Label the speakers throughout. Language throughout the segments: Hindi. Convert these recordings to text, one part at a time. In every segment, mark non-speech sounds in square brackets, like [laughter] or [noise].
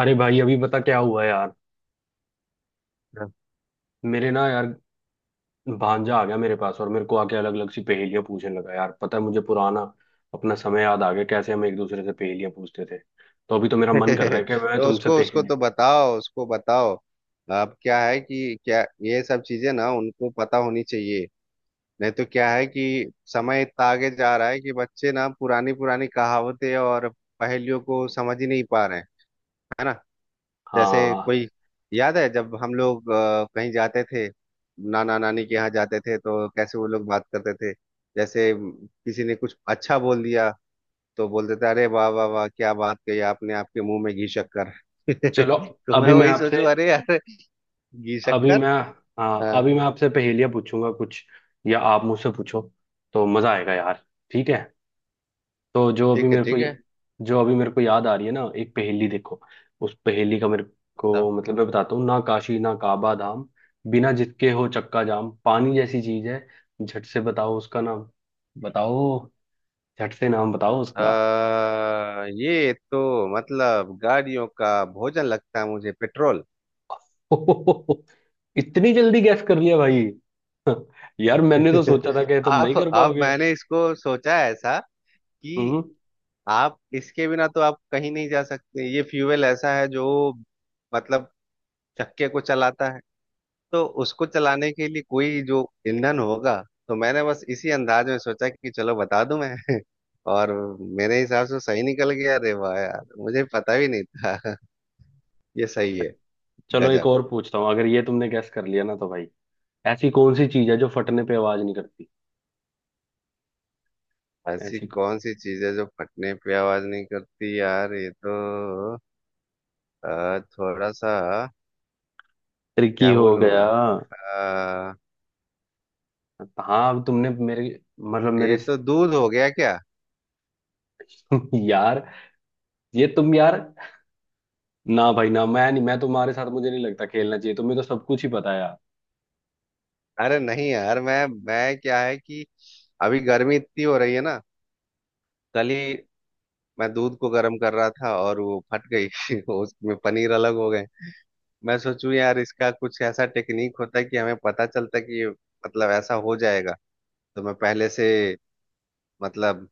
Speaker 1: अरे भाई अभी पता क्या हुआ यार।
Speaker 2: [laughs]
Speaker 1: मेरे ना यार, भांजा आ गया मेरे पास और मेरे को आके अलग अलग सी पहेलियां पूछने लगा। यार पता है, मुझे पुराना अपना समय याद आ गया, कैसे हम एक दूसरे से पहेलियां पूछते थे। तो अभी तो मेरा मन कर रहा है कि मैं
Speaker 2: तो
Speaker 1: तुमसे
Speaker 2: उसको उसको
Speaker 1: पहेली।
Speaker 2: तो बताओ, उसको बताओ। अब क्या है कि क्या ये सब चीजें ना उनको पता होनी चाहिए। नहीं तो क्या है कि समय इतना आगे जा रहा है कि बच्चे ना पुरानी पुरानी कहावतें और पहेलियों को समझ ही नहीं पा रहे हैं, है ना। जैसे
Speaker 1: हाँ,
Speaker 2: कोई, याद है जब हम लोग कहीं जाते थे, नाना नानी के यहाँ जाते थे, तो कैसे वो लोग बात करते थे। जैसे किसी ने कुछ अच्छा बोल दिया तो बोलते थे, अरे वाह वाह वाह, क्या बात कही आपने, आपके मुंह में घी शक्कर।
Speaker 1: चलो।
Speaker 2: [laughs] तो मैं
Speaker 1: अभी मैं
Speaker 2: वही
Speaker 1: आपसे,
Speaker 2: सोचू अरे यार, घी
Speaker 1: अभी
Speaker 2: शक्कर।
Speaker 1: मैं, हाँ,
Speaker 2: हाँ,
Speaker 1: अभी मैं आपसे पहेलियां पूछूंगा कुछ, या आप मुझसे पूछो। तो मजा आएगा यार। ठीक है। तो जो अभी
Speaker 2: ठीक है
Speaker 1: मेरे
Speaker 2: ठीक है,
Speaker 1: को जो अभी मेरे को याद आ रही है ना, एक पहेली देखो। उस पहेली का मेरे
Speaker 2: बताओ।
Speaker 1: को मतलब, मैं बताता हूँ ना। काशी ना काबा धाम, बिना जिसके हो चक्का जाम, पानी जैसी चीज है, झट से बताओ उसका नाम। बताओ, झट से नाम बताओ उसका।
Speaker 2: ये तो मतलब गाड़ियों का भोजन लगता है मुझे, पेट्रोल।
Speaker 1: [laughs] इतनी जल्दी गैस कर लिया भाई। [laughs] यार मैंने तो सोचा था
Speaker 2: [laughs]
Speaker 1: कि तुम
Speaker 2: आप
Speaker 1: नहीं कर
Speaker 2: आप
Speaker 1: पाओगे।
Speaker 2: मैंने इसको सोचा है ऐसा कि
Speaker 1: हम्म।
Speaker 2: आप इसके बिना तो आप कहीं नहीं जा सकते। ये फ्यूल ऐसा है जो मतलब चक्के को चलाता है। तो उसको चलाने के लिए कोई जो ईंधन होगा, तो मैंने बस इसी अंदाज में सोचा कि चलो बता दूं मैं। [laughs] और मेरे हिसाब से सही निकल गया। अरे वाह यार, मुझे पता भी नहीं था। [laughs] ये सही है।
Speaker 1: चलो एक
Speaker 2: गजब।
Speaker 1: और पूछता हूँ, अगर ये तुमने गैस कर लिया ना तो भाई, ऐसी कौन सी चीज है जो फटने पे आवाज नहीं करती।
Speaker 2: ऐसी
Speaker 1: ऐसी
Speaker 2: कौन सी चीज है जो फटने पे आवाज नहीं करती, यार ये तो थोड़ा सा
Speaker 1: ट्रिकी
Speaker 2: क्या
Speaker 1: हो
Speaker 2: बोलूं
Speaker 1: गया।
Speaker 2: मैं। अ,
Speaker 1: हाँ अब तुमने मेरे, मतलब मेरे।
Speaker 2: ये तो दूध हो गया क्या।
Speaker 1: [laughs] यार, ये तुम यार, ना भाई ना, मैं नहीं, मैं तुम्हारे साथ मुझे नहीं लगता खेलना चाहिए, तुम्हें तो सब कुछ ही पता है यार।
Speaker 2: अरे नहीं यार, मैं क्या है कि अभी गर्मी इतनी हो रही है ना, कल ही मैं दूध को गर्म कर रहा था और वो फट गई। [laughs] उसमें पनीर अलग हो गए। मैं सोचूं यार, इसका कुछ ऐसा टेक्निक होता कि हमें पता चलता कि ये मतलब ऐसा हो जाएगा, तो मैं पहले से मतलब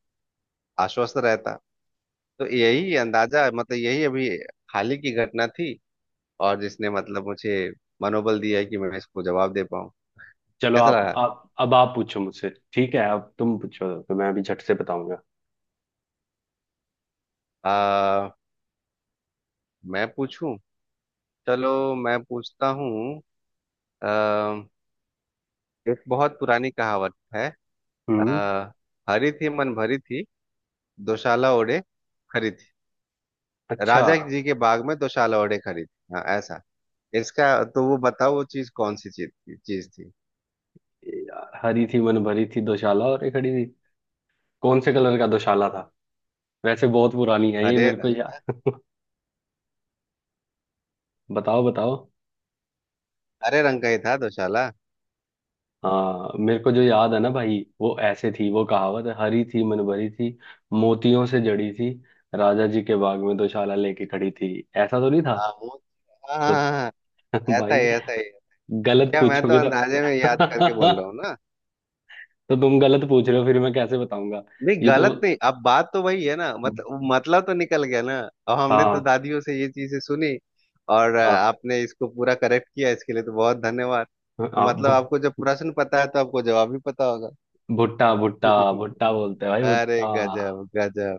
Speaker 2: आश्वस्त रहता। तो यही अंदाजा, मतलब यही अभी हाल ही की घटना थी, और जिसने मतलब मुझे मनोबल दिया कि मैं इसको जवाब दे पाऊँ।
Speaker 1: चलो
Speaker 2: कैसा
Speaker 1: आप
Speaker 2: रहा।
Speaker 1: आप अब आप पूछो मुझसे, ठीक है, अब तुम पूछो तो मैं अभी झट से बताऊंगा।
Speaker 2: आ, मैं पूछूं, चलो मैं पूछता हूँ। अ, एक बहुत पुरानी कहावत है।
Speaker 1: हम्म।
Speaker 2: आ, हरी थी मन भरी थी, दोशाला ओढ़े खरी थी।
Speaker 1: अच्छा।
Speaker 2: राजा जी के बाग में दोशाला ओढ़े खरी थी। हाँ ऐसा, इसका, तो वो बताओ वो चीज कौन सी चीज थी, चीज थी।
Speaker 1: यार, हरी थी मन भरी थी, दोशाला और एक खड़ी थी। कौन से कलर का दोशाला था? वैसे बहुत पुरानी है ये
Speaker 2: हरे
Speaker 1: मेरे को
Speaker 2: रंग,
Speaker 1: यार। बताओ बताओ।
Speaker 2: हरे रंग का ही था दोशाला।
Speaker 1: हाँ मेरे को जो याद है ना भाई, वो ऐसे थी वो कहावत। हरी थी मन भरी थी, मोतियों से जड़ी थी, राजा जी के बाग में दोशाला लेके खड़ी थी। ऐसा तो नहीं था?
Speaker 2: तो, हाँ हाँ,
Speaker 1: तो
Speaker 2: हाँ, हाँ,
Speaker 1: [laughs] भाई,
Speaker 2: ऐसा ही
Speaker 1: गलत
Speaker 2: क्या, मैं तो
Speaker 1: पूछोगे तो
Speaker 2: अंदाजे में याद करके बोल
Speaker 1: [laughs]
Speaker 2: रहा हूँ ना।
Speaker 1: तो तुम गलत पूछ रहे हो फिर मैं कैसे बताऊंगा।
Speaker 2: नहीं
Speaker 1: ये तो,
Speaker 2: गलत नहीं, अब बात तो वही है ना, मतलब, मतलब तो निकल गया ना। अब हमने तो
Speaker 1: हाँ
Speaker 2: दादियों से ये चीजें सुनी, और
Speaker 1: हाँ
Speaker 2: आपने इसको पूरा करेक्ट किया, इसके लिए तो बहुत धन्यवाद। तो
Speaker 1: हाँ
Speaker 2: मतलब
Speaker 1: भुट-
Speaker 2: आपको जब प्रश्न पता है तो आपको जवाब भी पता होगा।
Speaker 1: भुट्टा भुट्टा
Speaker 2: [laughs]
Speaker 1: भुट्टा बोलते हैं भाई,
Speaker 2: अरे
Speaker 1: भुट्टा।
Speaker 2: गजब गजब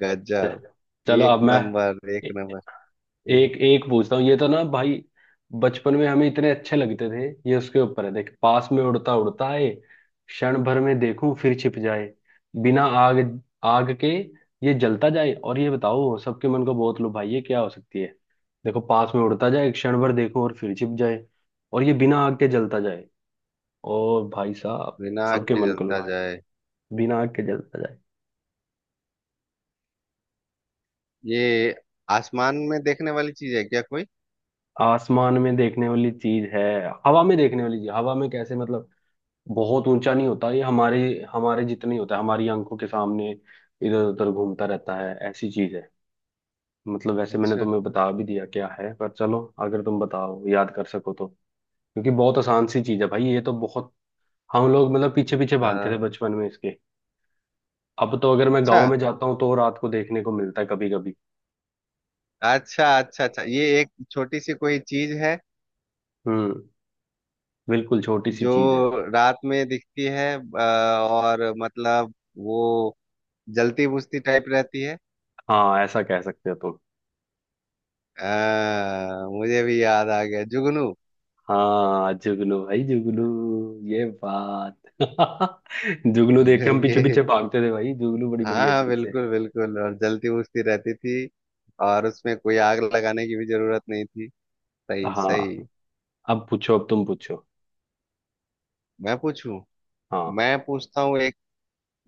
Speaker 2: गजब।
Speaker 1: चलो
Speaker 2: एक
Speaker 1: अब मैं
Speaker 2: नंबर एक नंबर। हम्म,
Speaker 1: एक एक पूछता हूँ। ये तो ना भाई, बचपन में हमें इतने अच्छे लगते थे। ये उसके ऊपर है। देख, पास में उड़ता उड़ता आए, क्षण भर में देखूं फिर छिप जाए, बिना आग, आग के ये जलता जाए, और ये बताओ सबके मन को बहुत लो भाई, ये क्या हो सकती है। देखो पास में उड़ता जाए, क्षण भर देखूं और फिर छिप जाए, और ये बिना आग के जलता जाए, और भाई साहब,
Speaker 2: बिना आग
Speaker 1: सबके
Speaker 2: के
Speaker 1: मन को
Speaker 2: जलता
Speaker 1: लुभाए,
Speaker 2: जाए,
Speaker 1: बिना आग के जलता जाए।
Speaker 2: ये आसमान में देखने वाली चीज है क्या कोई।
Speaker 1: आसमान में देखने वाली चीज है, हवा में देखने वाली चीज। हवा में कैसे मतलब, बहुत ऊंचा नहीं होता ये, हमारे हमारे जितना ही होता है। हमारी आंखों के सामने इधर उधर घूमता रहता है, ऐसी चीज है। मतलब वैसे मैंने
Speaker 2: अच्छा,
Speaker 1: तुम्हें बता भी दिया क्या है, पर चलो, अगर तुम बताओ, याद कर सको तो। क्योंकि बहुत आसान सी चीज है भाई ये तो, बहुत। हम लोग मतलब पीछे पीछे भागते थे
Speaker 2: हाँ,
Speaker 1: बचपन में इसके। अब तो अगर मैं
Speaker 2: अच्छा
Speaker 1: गांव में जाता हूँ तो रात को देखने को मिलता है कभी कभी।
Speaker 2: अच्छा अच्छा अच्छा, ये एक छोटी सी कोई चीज है
Speaker 1: हम्म। बिल्कुल छोटी सी
Speaker 2: जो
Speaker 1: चीज है।
Speaker 2: रात में दिखती है, और मतलब वो जलती बुझती टाइप रहती है।
Speaker 1: हाँ ऐसा कह सकते हो तुम।
Speaker 2: मुझे भी याद आ गया, जुगनू।
Speaker 1: हाँ जुगनू भाई जुगनू। ये बात [laughs] जुगनू देख के हम पीछे
Speaker 2: [laughs] ये
Speaker 1: पीछे भागते थे भाई, जुगनू बड़ी
Speaker 2: हाँ
Speaker 1: बढ़िया
Speaker 2: हाँ,
Speaker 1: चीज है।
Speaker 2: बिल्कुल बिल्कुल, और जलती बुझती रहती थी, और उसमें कोई आग लगाने की भी जरूरत नहीं थी। सही
Speaker 1: हाँ,
Speaker 2: सही।
Speaker 1: अब पूछो, अब तुम पूछो।
Speaker 2: मैं पूछूं,
Speaker 1: हाँ।
Speaker 2: मैं पूछता हूँ एक,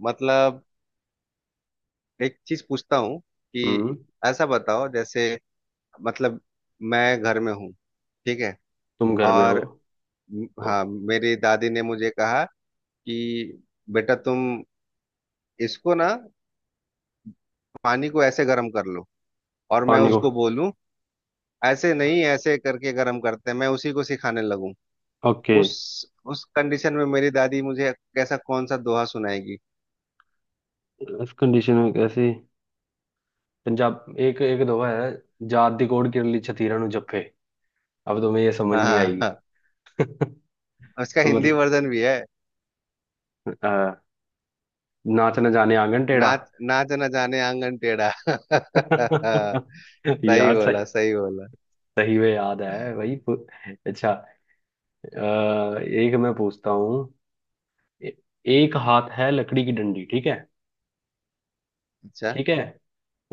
Speaker 2: मतलब एक चीज पूछता हूँ कि
Speaker 1: हम्म।
Speaker 2: ऐसा बताओ जैसे, मतलब मैं घर में हूँ, ठीक है,
Speaker 1: तुम घर में हो।
Speaker 2: और हाँ मेरी दादी ने मुझे कहा कि बेटा तुम इसको ना, पानी को ऐसे गर्म कर लो। और मैं
Speaker 1: पानी को।
Speaker 2: उसको बोलूं ऐसे नहीं, ऐसे करके गर्म करते हैं, मैं उसी को सिखाने लगूं।
Speaker 1: ओके।
Speaker 2: उस उस कंडीशन में मेरी दादी मुझे कैसा कौन सा दोहा सुनाएगी।
Speaker 1: इस कंडीशन में कैसी, पंजाब एक एक दोहा है, जात दी कोड़ किरली छतीरा नु जप्फे। अब तुम्हें ये समझ
Speaker 2: हाँ
Speaker 1: नहीं
Speaker 2: हाँ
Speaker 1: आएगी।
Speaker 2: हाँ।
Speaker 1: [laughs]
Speaker 2: उसका हिंदी
Speaker 1: मतलब
Speaker 2: वर्जन भी है,
Speaker 1: आ, नाच न जाने आंगन टेढ़ा।
Speaker 2: नाच नाच न जाने आंगन टेढ़ा। [laughs]
Speaker 1: [laughs]
Speaker 2: सही
Speaker 1: यार,
Speaker 2: बोला सही बोला।
Speaker 1: सही में याद है वही पू- अच्छा। अ, एक मैं पूछता हूँ। ए- एक हाथ है लकड़ी की डंडी, ठीक है?
Speaker 2: अच्छा,
Speaker 1: ठीक है,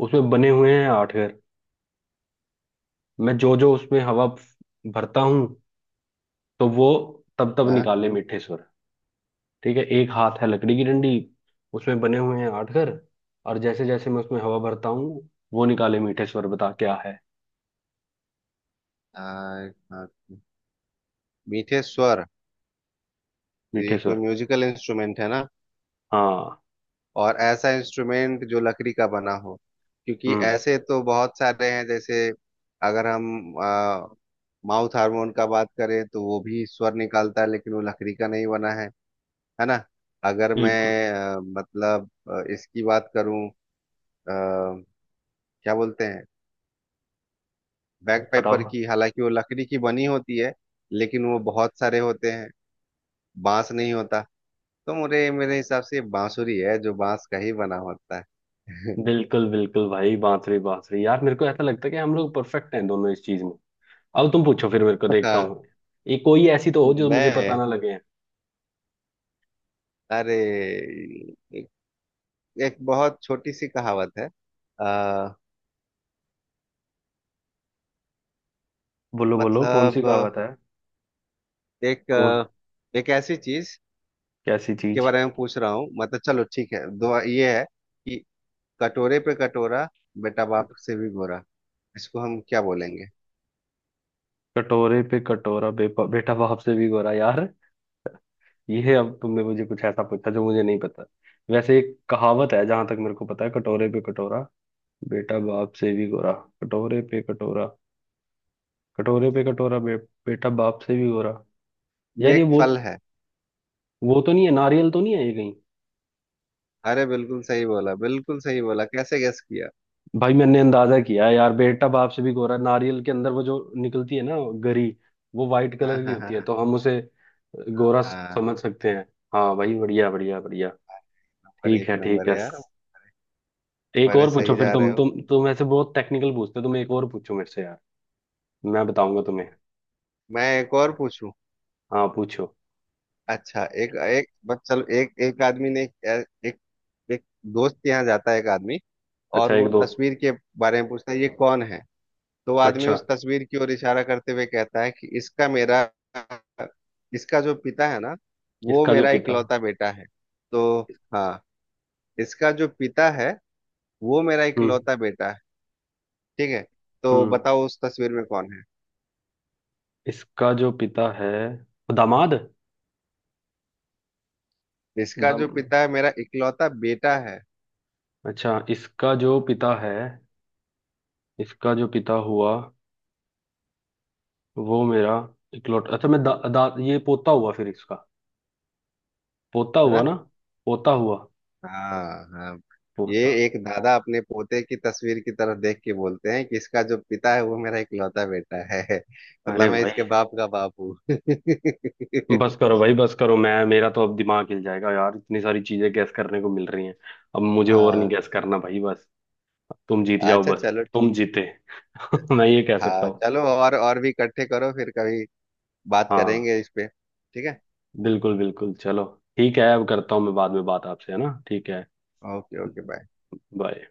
Speaker 1: उसमें बने हुए हैं आठ घर, मैं जो जो उसमें हवा फ- भरता हूँ, तो वो तब तब
Speaker 2: हाँ,
Speaker 1: निकाले मीठे स्वर। ठीक है, एक हाथ है लकड़ी की डंडी, उसमें बने हुए हैं आठ घर, और जैसे जैसे मैं उसमें हवा भरता हूँ, वो निकाले मीठे स्वर। बता क्या है,
Speaker 2: आ, हाँ, मीठे स्वर, ये
Speaker 1: मीठे
Speaker 2: कोई
Speaker 1: स्वर।
Speaker 2: म्यूजिकल इंस्ट्रूमेंट है ना।
Speaker 1: हाँ।
Speaker 2: और ऐसा इंस्ट्रूमेंट जो लकड़ी का बना हो, क्योंकि
Speaker 1: हम्म।
Speaker 2: ऐसे तो बहुत सारे हैं, जैसे अगर हम माउथ हार्मोन का बात करें तो वो भी स्वर निकालता है, लेकिन वो लकड़ी का नहीं बना है ना। अगर
Speaker 1: बिल्कुल।
Speaker 2: मैं इसकी बात करूं, अ, क्या बोलते हैं, बैग
Speaker 1: बताओ।
Speaker 2: पेपर की, हालांकि वो लकड़ी की बनी होती है, लेकिन वो बहुत सारे होते हैं, बांस नहीं होता। तो मेरे मेरे हिसाब से ये बांसुरी है, जो बांस का ही बना होता है। [laughs]
Speaker 1: बिल्कुल बिल्कुल भाई, बांसुरी, बांसुरी। यार मेरे को ऐसा लगता है कि हम लोग परफेक्ट हैं दोनों इस चीज में। अब तुम पूछो, फिर मेरे को देखता
Speaker 2: हाँ।
Speaker 1: हूँ। ये कोई ऐसी तो हो जो मुझे पता
Speaker 2: मैं,
Speaker 1: ना लगे।
Speaker 2: अरे, एक, एक बहुत छोटी सी कहावत है, आ,
Speaker 1: बोलो बोलो, कौन सी
Speaker 2: मतलब
Speaker 1: कहावत है? कौन?
Speaker 2: एक, एक ऐसी चीज
Speaker 1: कैसी
Speaker 2: के
Speaker 1: चीज?
Speaker 2: बारे में पूछ रहा हूँ, मतलब चलो ठीक है दो, ये है कि कटोरे पे कटोरा, बेटा बाप से भी गोरा, इसको हम क्या बोलेंगे।
Speaker 1: कटोरे पे कटोरा, बेपा, बेटा बाप से भी गोरा। यार ये, अब तुमने मुझे कुछ ऐसा पूछा जो मुझे नहीं पता। वैसे एक कहावत है जहां तक मेरे को पता है, कटोरे पे कटोरा, बेटा बाप से भी गोरा। कटोरे पे कटोरा, कटोरे पे कटोरा, बे, बेटा बाप से भी गोरा।
Speaker 2: ये
Speaker 1: यार ये
Speaker 2: एक फल
Speaker 1: बहुत,
Speaker 2: है।
Speaker 1: वो तो नहीं है, नारियल तो नहीं है ये कहीं?
Speaker 2: अरे बिल्कुल सही बोला बिल्कुल सही बोला, कैसे गेस किया।
Speaker 1: भाई मैंने अंदाजा किया है यार, बेटा बाप से भी गोरा, नारियल के अंदर वो जो निकलती है ना, गरी, वो वाइट
Speaker 2: हाँ
Speaker 1: कलर की
Speaker 2: हाँ
Speaker 1: होती है,
Speaker 2: हाँ
Speaker 1: तो हम उसे गोरा
Speaker 2: हाँ,
Speaker 1: समझ सकते हैं। हाँ भाई, बढ़िया बढ़िया बढ़िया।
Speaker 2: नंबर
Speaker 1: ठीक
Speaker 2: एक
Speaker 1: है ठीक
Speaker 2: नंबर
Speaker 1: है,
Speaker 2: है यार।
Speaker 1: एक
Speaker 2: बड़े
Speaker 1: और पूछो।
Speaker 2: सही
Speaker 1: फिर
Speaker 2: जा रहे
Speaker 1: तुम
Speaker 2: हो।
Speaker 1: तुम तुम ऐसे बहुत टेक्निकल पूछते हो तुम, एक और पूछो मेरे से यार। मैं बताऊंगा तुम्हें।
Speaker 2: मैं एक और पूछूं।
Speaker 1: हाँ पूछो।
Speaker 2: अच्छा, एक एक बस, चलो, एक, एक आदमी ने एक, एक, एक दोस्त के यहाँ जाता है एक आदमी, और
Speaker 1: अच्छा
Speaker 2: वो
Speaker 1: एक दो।
Speaker 2: तस्वीर के बारे में पूछता है, ये कौन है। तो आदमी
Speaker 1: अच्छा
Speaker 2: उस तस्वीर की ओर इशारा करते हुए कहता है कि इसका मेरा, इसका जो पिता है ना, वो
Speaker 1: इसका जो
Speaker 2: मेरा
Speaker 1: पिता।
Speaker 2: इकलौता बेटा है। तो, हाँ, इसका जो पिता है वो मेरा
Speaker 1: हम्म।
Speaker 2: इकलौता बेटा है, ठीक है। तो
Speaker 1: हम्म।
Speaker 2: बताओ उस तस्वीर में कौन है।
Speaker 1: इसका जो पिता है, दामाद।
Speaker 2: इसका
Speaker 1: दम,
Speaker 2: जो पिता है मेरा इकलौता बेटा है
Speaker 1: अच्छा इसका जो पिता है, इसका जो पिता हुआ, वो मेरा इकलौता, अच्छा मैं दा, दा, ये पोता हुआ फिर इसका, पोता
Speaker 2: है
Speaker 1: हुआ
Speaker 2: ना।
Speaker 1: ना, पोता हुआ,
Speaker 2: हाँ हाँ। ये
Speaker 1: पोता।
Speaker 2: एक दादा अपने पोते की तस्वीर की तरफ देख के बोलते हैं कि इसका जो पिता है वो मेरा इकलौता बेटा है। [laughs]
Speaker 1: अरे
Speaker 2: मतलब मैं
Speaker 1: भाई,
Speaker 2: इसके बाप का बाप हूँ। [laughs]
Speaker 1: बस करो भाई, बस करो। मैं, मेरा तो अब दिमाग हिल जाएगा यार, इतनी सारी चीजें गैस करने को मिल रही हैं। अब मुझे और नहीं
Speaker 2: हाँ,
Speaker 1: गैस करना भाई, बस। तुम जीत जाओ
Speaker 2: अच्छा
Speaker 1: बस।
Speaker 2: चलो
Speaker 1: तुम
Speaker 2: ठीक है।
Speaker 1: जीते, [laughs] मैं ये कह सकता
Speaker 2: हाँ
Speaker 1: हूँ।
Speaker 2: चलो, और भी इकट्ठे करो, फिर कभी बात
Speaker 1: हाँ
Speaker 2: करेंगे इस पे, ठीक है।
Speaker 1: बिल्कुल बिल्कुल चलो। ठीक है, अब करता हूँ, मैं बाद में बात आपसे, है ना, ठीक है।
Speaker 2: Okay okay bye.
Speaker 1: बाय।